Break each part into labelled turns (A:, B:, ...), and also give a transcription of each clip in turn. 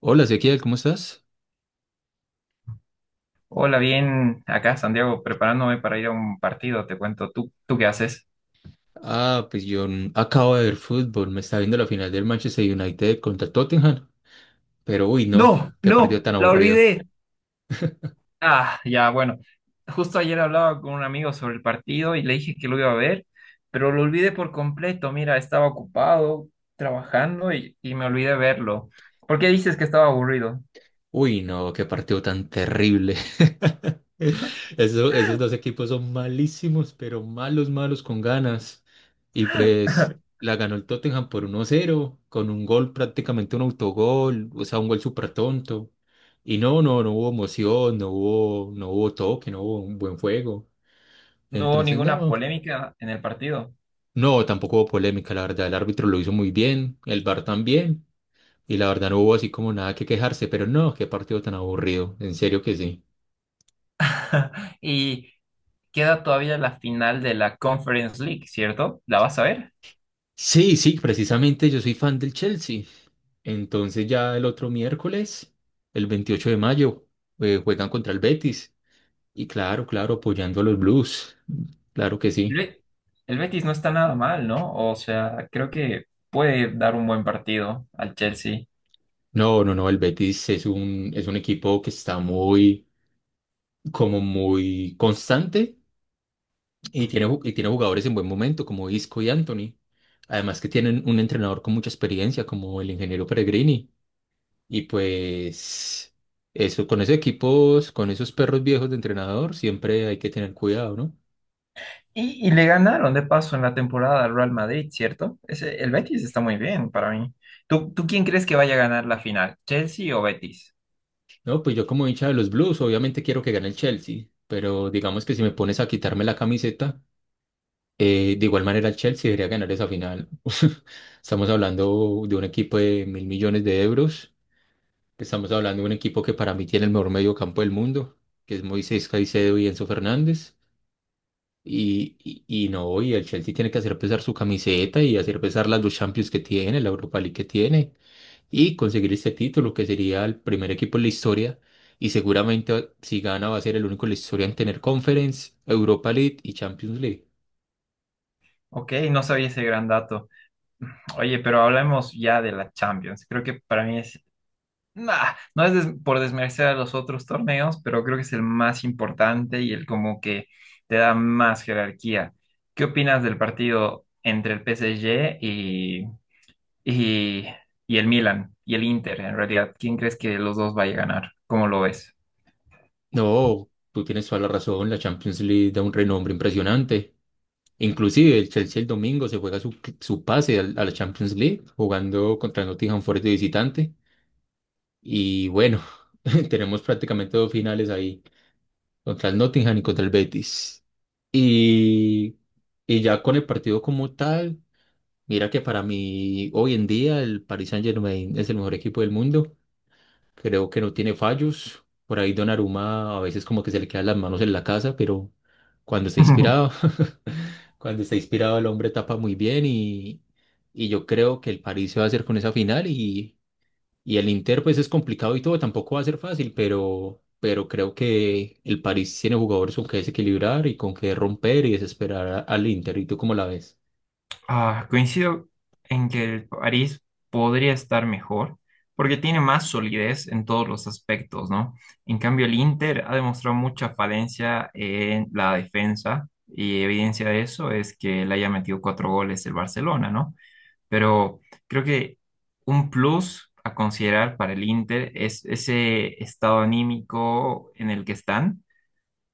A: Hola, Ezequiel, ¿cómo estás?
B: Hola, bien, acá Santiago, preparándome para ir a un partido, te cuento, ¿tú qué haces?
A: Ah, pues yo acabo de ver fútbol, me está viendo la final del Manchester United contra Tottenham, pero uy, no,
B: No,
A: qué partido
B: no,
A: tan
B: la
A: aburrido.
B: olvidé. Ah, ya, bueno, justo ayer hablaba con un amigo sobre el partido y le dije que lo iba a ver, pero lo olvidé por completo, mira, estaba ocupado trabajando y me olvidé verlo. ¿Por qué dices que estaba aburrido?
A: Uy, no, qué partido tan terrible. Esos dos equipos son malísimos, pero malos, malos con ganas. Y pues la ganó el Tottenham por 1-0 con un gol prácticamente un autogol, o sea, un gol súper tonto. Y no, no, no hubo emoción, no hubo toque, no hubo un buen juego.
B: No hubo
A: Entonces,
B: ninguna
A: no.
B: polémica en el partido.
A: No, tampoco hubo polémica, la verdad. El árbitro lo hizo muy bien, el VAR también. Y la verdad no hubo así como nada que quejarse, pero no, qué partido tan aburrido. En serio que sí.
B: Y queda todavía la final de la Conference League, ¿cierto? ¿La vas a ver?
A: Sí, sí, precisamente yo soy fan del Chelsea. Entonces ya el otro miércoles, el 28 de mayo, juegan contra el Betis. Y claro, claro, apoyando a los Blues. Claro que
B: El
A: sí.
B: Be- el Betis no está nada mal, ¿no? O sea, creo que puede dar un buen partido al Chelsea.
A: No, no, no, el Betis es un equipo que está muy, como muy constante. Y tiene jugadores en buen momento, como Isco y Anthony. Además que tienen un entrenador con mucha experiencia, como el ingeniero Peregrini. Y pues eso, con esos equipos, con esos perros viejos de entrenador, siempre hay que tener cuidado, ¿no?
B: Y le ganaron de paso en la temporada al Real Madrid, ¿cierto? Ese, el Betis está muy bien para mí. ¿Tú quién crees que vaya a ganar la final? ¿Chelsea o Betis?
A: No, pues yo como hincha de los Blues, obviamente quiero que gane el Chelsea, pero digamos que si me pones a quitarme la camiseta, de igual manera el Chelsea debería ganar esa final. Estamos hablando de un equipo de 1.000 millones de euros. Estamos hablando de un equipo que para mí tiene el mejor medio campo del mundo, que es Moisés Caicedo y Enzo Fernández. Y, no, y el Chelsea tiene que hacer pesar su camiseta y hacer pesar las dos Champions que tiene, la Europa League que tiene, y conseguir este título, que sería el primer equipo en la historia. Y seguramente si gana va a ser el único en la historia en tener Conference, Europa League y Champions League.
B: Ok, no sabía ese gran dato. Oye, pero hablemos ya de la Champions. Creo que para mí es... Nah, no es por desmerecer a los otros torneos, pero creo que es el más importante y el como que te da más jerarquía. ¿Qué opinas del partido entre el PSG y, y el Milan y el Inter en realidad? ¿Quién crees que los dos vaya a ganar? ¿Cómo lo ves?
A: No, tú tienes toda la razón, la Champions League da un renombre impresionante. Inclusive el Chelsea el domingo se juega su pase a la Champions League jugando contra el Nottingham Forest de visitante. Y bueno, tenemos prácticamente dos finales ahí, contra el Nottingham y contra el Betis. Y, y ya con el partido como tal, mira que para mí hoy en día el Paris Saint-Germain es el mejor equipo del mundo. Creo que no tiene fallos. Por ahí Donnarumma a veces como que se le quedan las manos en la casa, pero cuando está inspirado, cuando está inspirado el hombre tapa muy bien, y yo creo que el París se va a hacer con esa final, y el Inter pues es complicado y todo, tampoco va a ser fácil, pero creo que el París tiene jugadores con que desequilibrar y con que romper y desesperar al Inter. ¿Y tú cómo la ves?
B: Ah, coincido en que el París podría estar mejor porque tiene más solidez en todos los aspectos, ¿no? En cambio, el Inter ha demostrado mucha falencia en la defensa y evidencia de eso es que le haya metido cuatro goles el Barcelona, ¿no? Pero creo que un plus a considerar para el Inter es ese estado anímico en el que están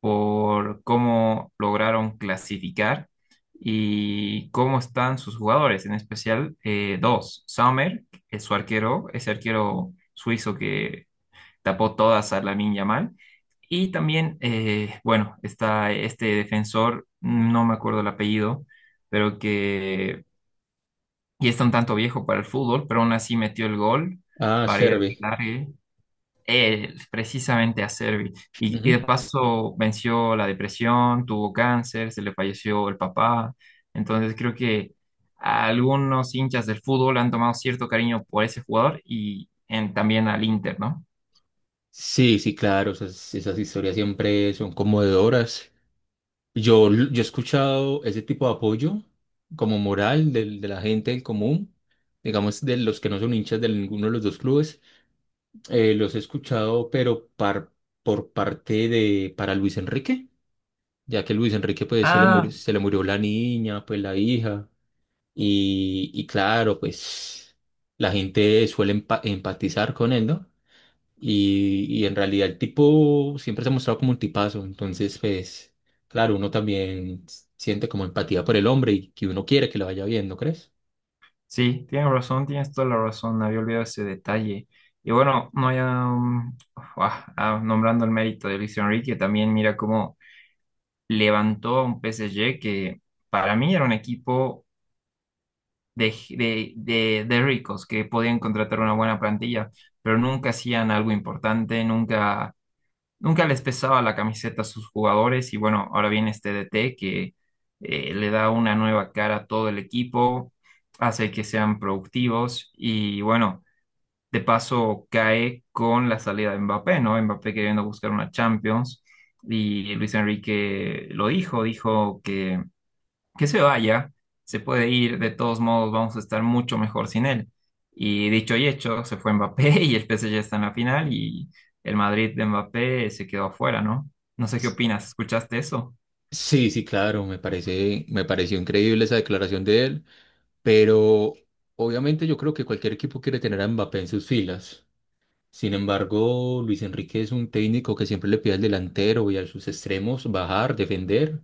B: por cómo lograron clasificar y cómo están sus jugadores, en especial dos, Sommer, es su arquero, ese arquero suizo que tapó todas a Lamine Yamal, y también, bueno, está este defensor, no me acuerdo el apellido, pero que y está un tanto viejo para el fútbol, pero aún así metió el gol
A: Ah,
B: para ir
A: Serve.
B: a él, precisamente a Servi. Y de
A: Ujú.
B: paso venció la depresión, tuvo cáncer, se le falleció el papá. Entonces creo que a algunos hinchas del fútbol han tomado cierto cariño por ese jugador y también al Inter, ¿no?
A: Sí, sí, claro, esas historias siempre son conmovedoras. Yo he escuchado ese tipo de apoyo como moral de la gente del común, digamos de los que no son hinchas de ninguno de los dos clubes. Los he escuchado, pero por parte de para Luis Enrique, ya que Luis Enrique pues se le murió,
B: Ah,
A: se le murió la niña, pues la hija, y claro, pues la gente suele empatizar con él, ¿no? Y en realidad el tipo siempre se ha mostrado como un tipazo, entonces pues claro, uno también siente como empatía por el hombre y que uno quiere que le vaya bien, ¿no crees?
B: sí, tienes razón, tienes toda la razón, había olvidado ese detalle. Y bueno, no ya, nombrando el mérito de Luis Enrique, también mira cómo levantó a un PSG que para mí era un equipo de ricos que podían contratar una buena plantilla, pero nunca hacían algo importante, nunca, nunca les pesaba la camiseta a sus jugadores y bueno, ahora viene este DT que le da una nueva cara a todo el equipo, hace que sean productivos y bueno, de paso cae con la salida de Mbappé, ¿no? Mbappé queriendo buscar una Champions y Luis Enrique lo dijo, dijo que se vaya, se puede ir, de todos modos vamos a estar mucho mejor sin él. Y dicho y hecho, se fue Mbappé y el PSG está en la final y el Madrid de Mbappé se quedó afuera, ¿no? No sé qué opinas, ¿escuchaste eso?
A: Sí, sí, claro, me pareció increíble esa declaración de él, pero obviamente yo creo que cualquier equipo quiere tener a Mbappé en sus filas. Sin embargo, Luis Enrique es un técnico que siempre le pide al delantero y a sus extremos bajar, defender,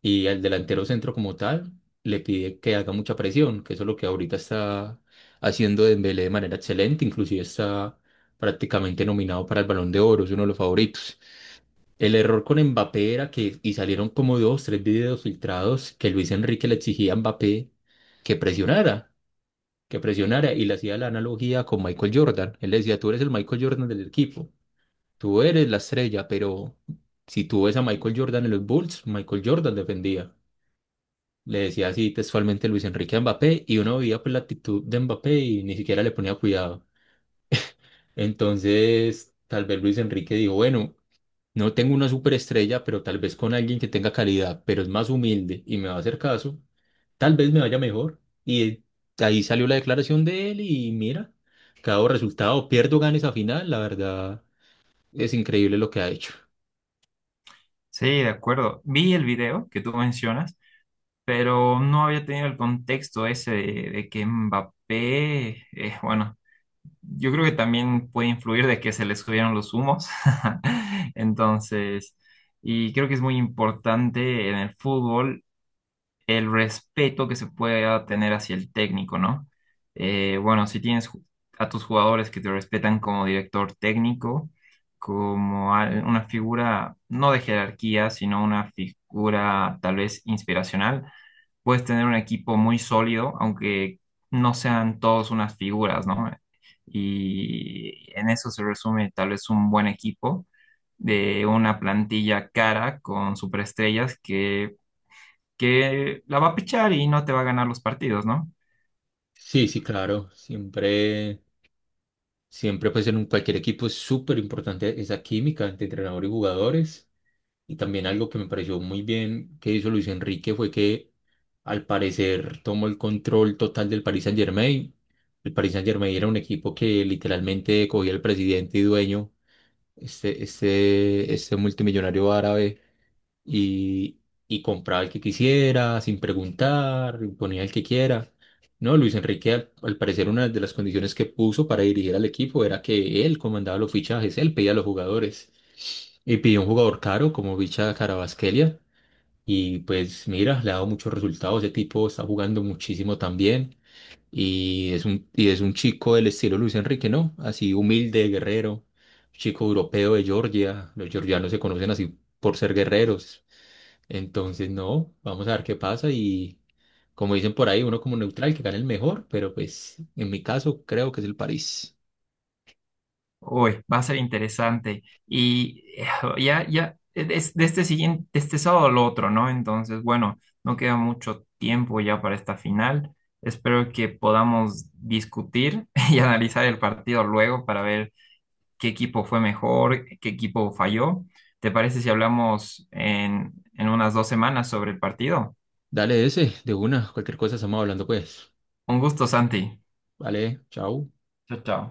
A: y al delantero centro como tal le pide que haga mucha presión, que eso es lo que ahorita está haciendo Dembélé de manera excelente, inclusive está prácticamente nominado para el Balón de Oro, es uno de los favoritos. El error con Mbappé era que, y salieron como dos, tres videos filtrados, que Luis Enrique le exigía a Mbappé que presionara, que presionara, y le hacía la analogía con Michael Jordan. Él le decía, tú eres el Michael Jordan del equipo, tú eres la estrella, pero si tú ves a Michael Jordan en los Bulls, Michael Jordan defendía. Le decía así textualmente Luis Enrique a Mbappé, y uno veía pues la actitud de Mbappé y ni siquiera le ponía cuidado. Entonces, tal vez Luis Enrique dijo, bueno, no tengo una superestrella, pero tal vez con alguien que tenga calidad, pero es más humilde y me va a hacer caso, tal vez me vaya mejor. Y de ahí salió la declaración de él y mira, cada resultado, pierdo, gane esa final, la verdad es increíble lo que ha hecho.
B: Sí, de acuerdo. Vi el video que tú mencionas, pero no había tenido el contexto ese de que Mbappé, bueno, yo creo que también puede influir de que se le subieron los humos. Entonces... Y creo que es muy importante en el fútbol el respeto que se pueda tener hacia el técnico, ¿no? Bueno, si tienes a tus jugadores que te respetan como director técnico, como una figura no de jerarquía, sino una figura tal vez inspiracional, puedes tener un equipo muy sólido, aunque no sean todos unas figuras, ¿no? Y en eso se resume tal vez un buen equipo de una plantilla cara con superestrellas que la va a pichar y no te va a ganar los partidos, ¿no?
A: Sí, sí, claro. Siempre, pues, cualquier equipo es súper importante esa química entre entrenador y jugadores. Y también algo que me pareció muy bien que hizo Luis Enrique fue que, al parecer, tomó el control total del Paris Saint-Germain. El Paris Saint-Germain era un equipo que literalmente cogía el presidente y dueño, este multimillonario árabe, y, y compraba el que quisiera, sin preguntar, ponía el que quiera. No, Luis Enrique, al parecer, una de las condiciones que puso para dirigir al equipo era que él comandaba los fichajes, él pedía a los jugadores, y pidió un jugador caro como Vicha Carabasquelia. Y pues mira, le ha dado muchos resultados. Ese tipo está jugando muchísimo también. Y es un chico del estilo Luis Enrique, ¿no? Así humilde, guerrero, chico europeo de Georgia. Los georgianos se conocen así por ser guerreros, entonces, no, vamos a ver qué pasa y, como dicen por ahí, uno como neutral que gane el mejor, pero pues en mi caso creo que es el París.
B: Hoy va a ser interesante. Y ya, ya, es de este siguiente, de este sábado al otro, ¿no? Entonces, bueno, no queda mucho tiempo ya para esta final. Espero que podamos discutir y analizar el partido luego para ver qué equipo fue mejor, qué equipo falló. ¿Te parece si hablamos en unas dos semanas sobre el partido?
A: Dale ese, de una, cualquier cosa estamos hablando pues.
B: Un gusto, Santi.
A: Vale, chao.
B: Chao, chao.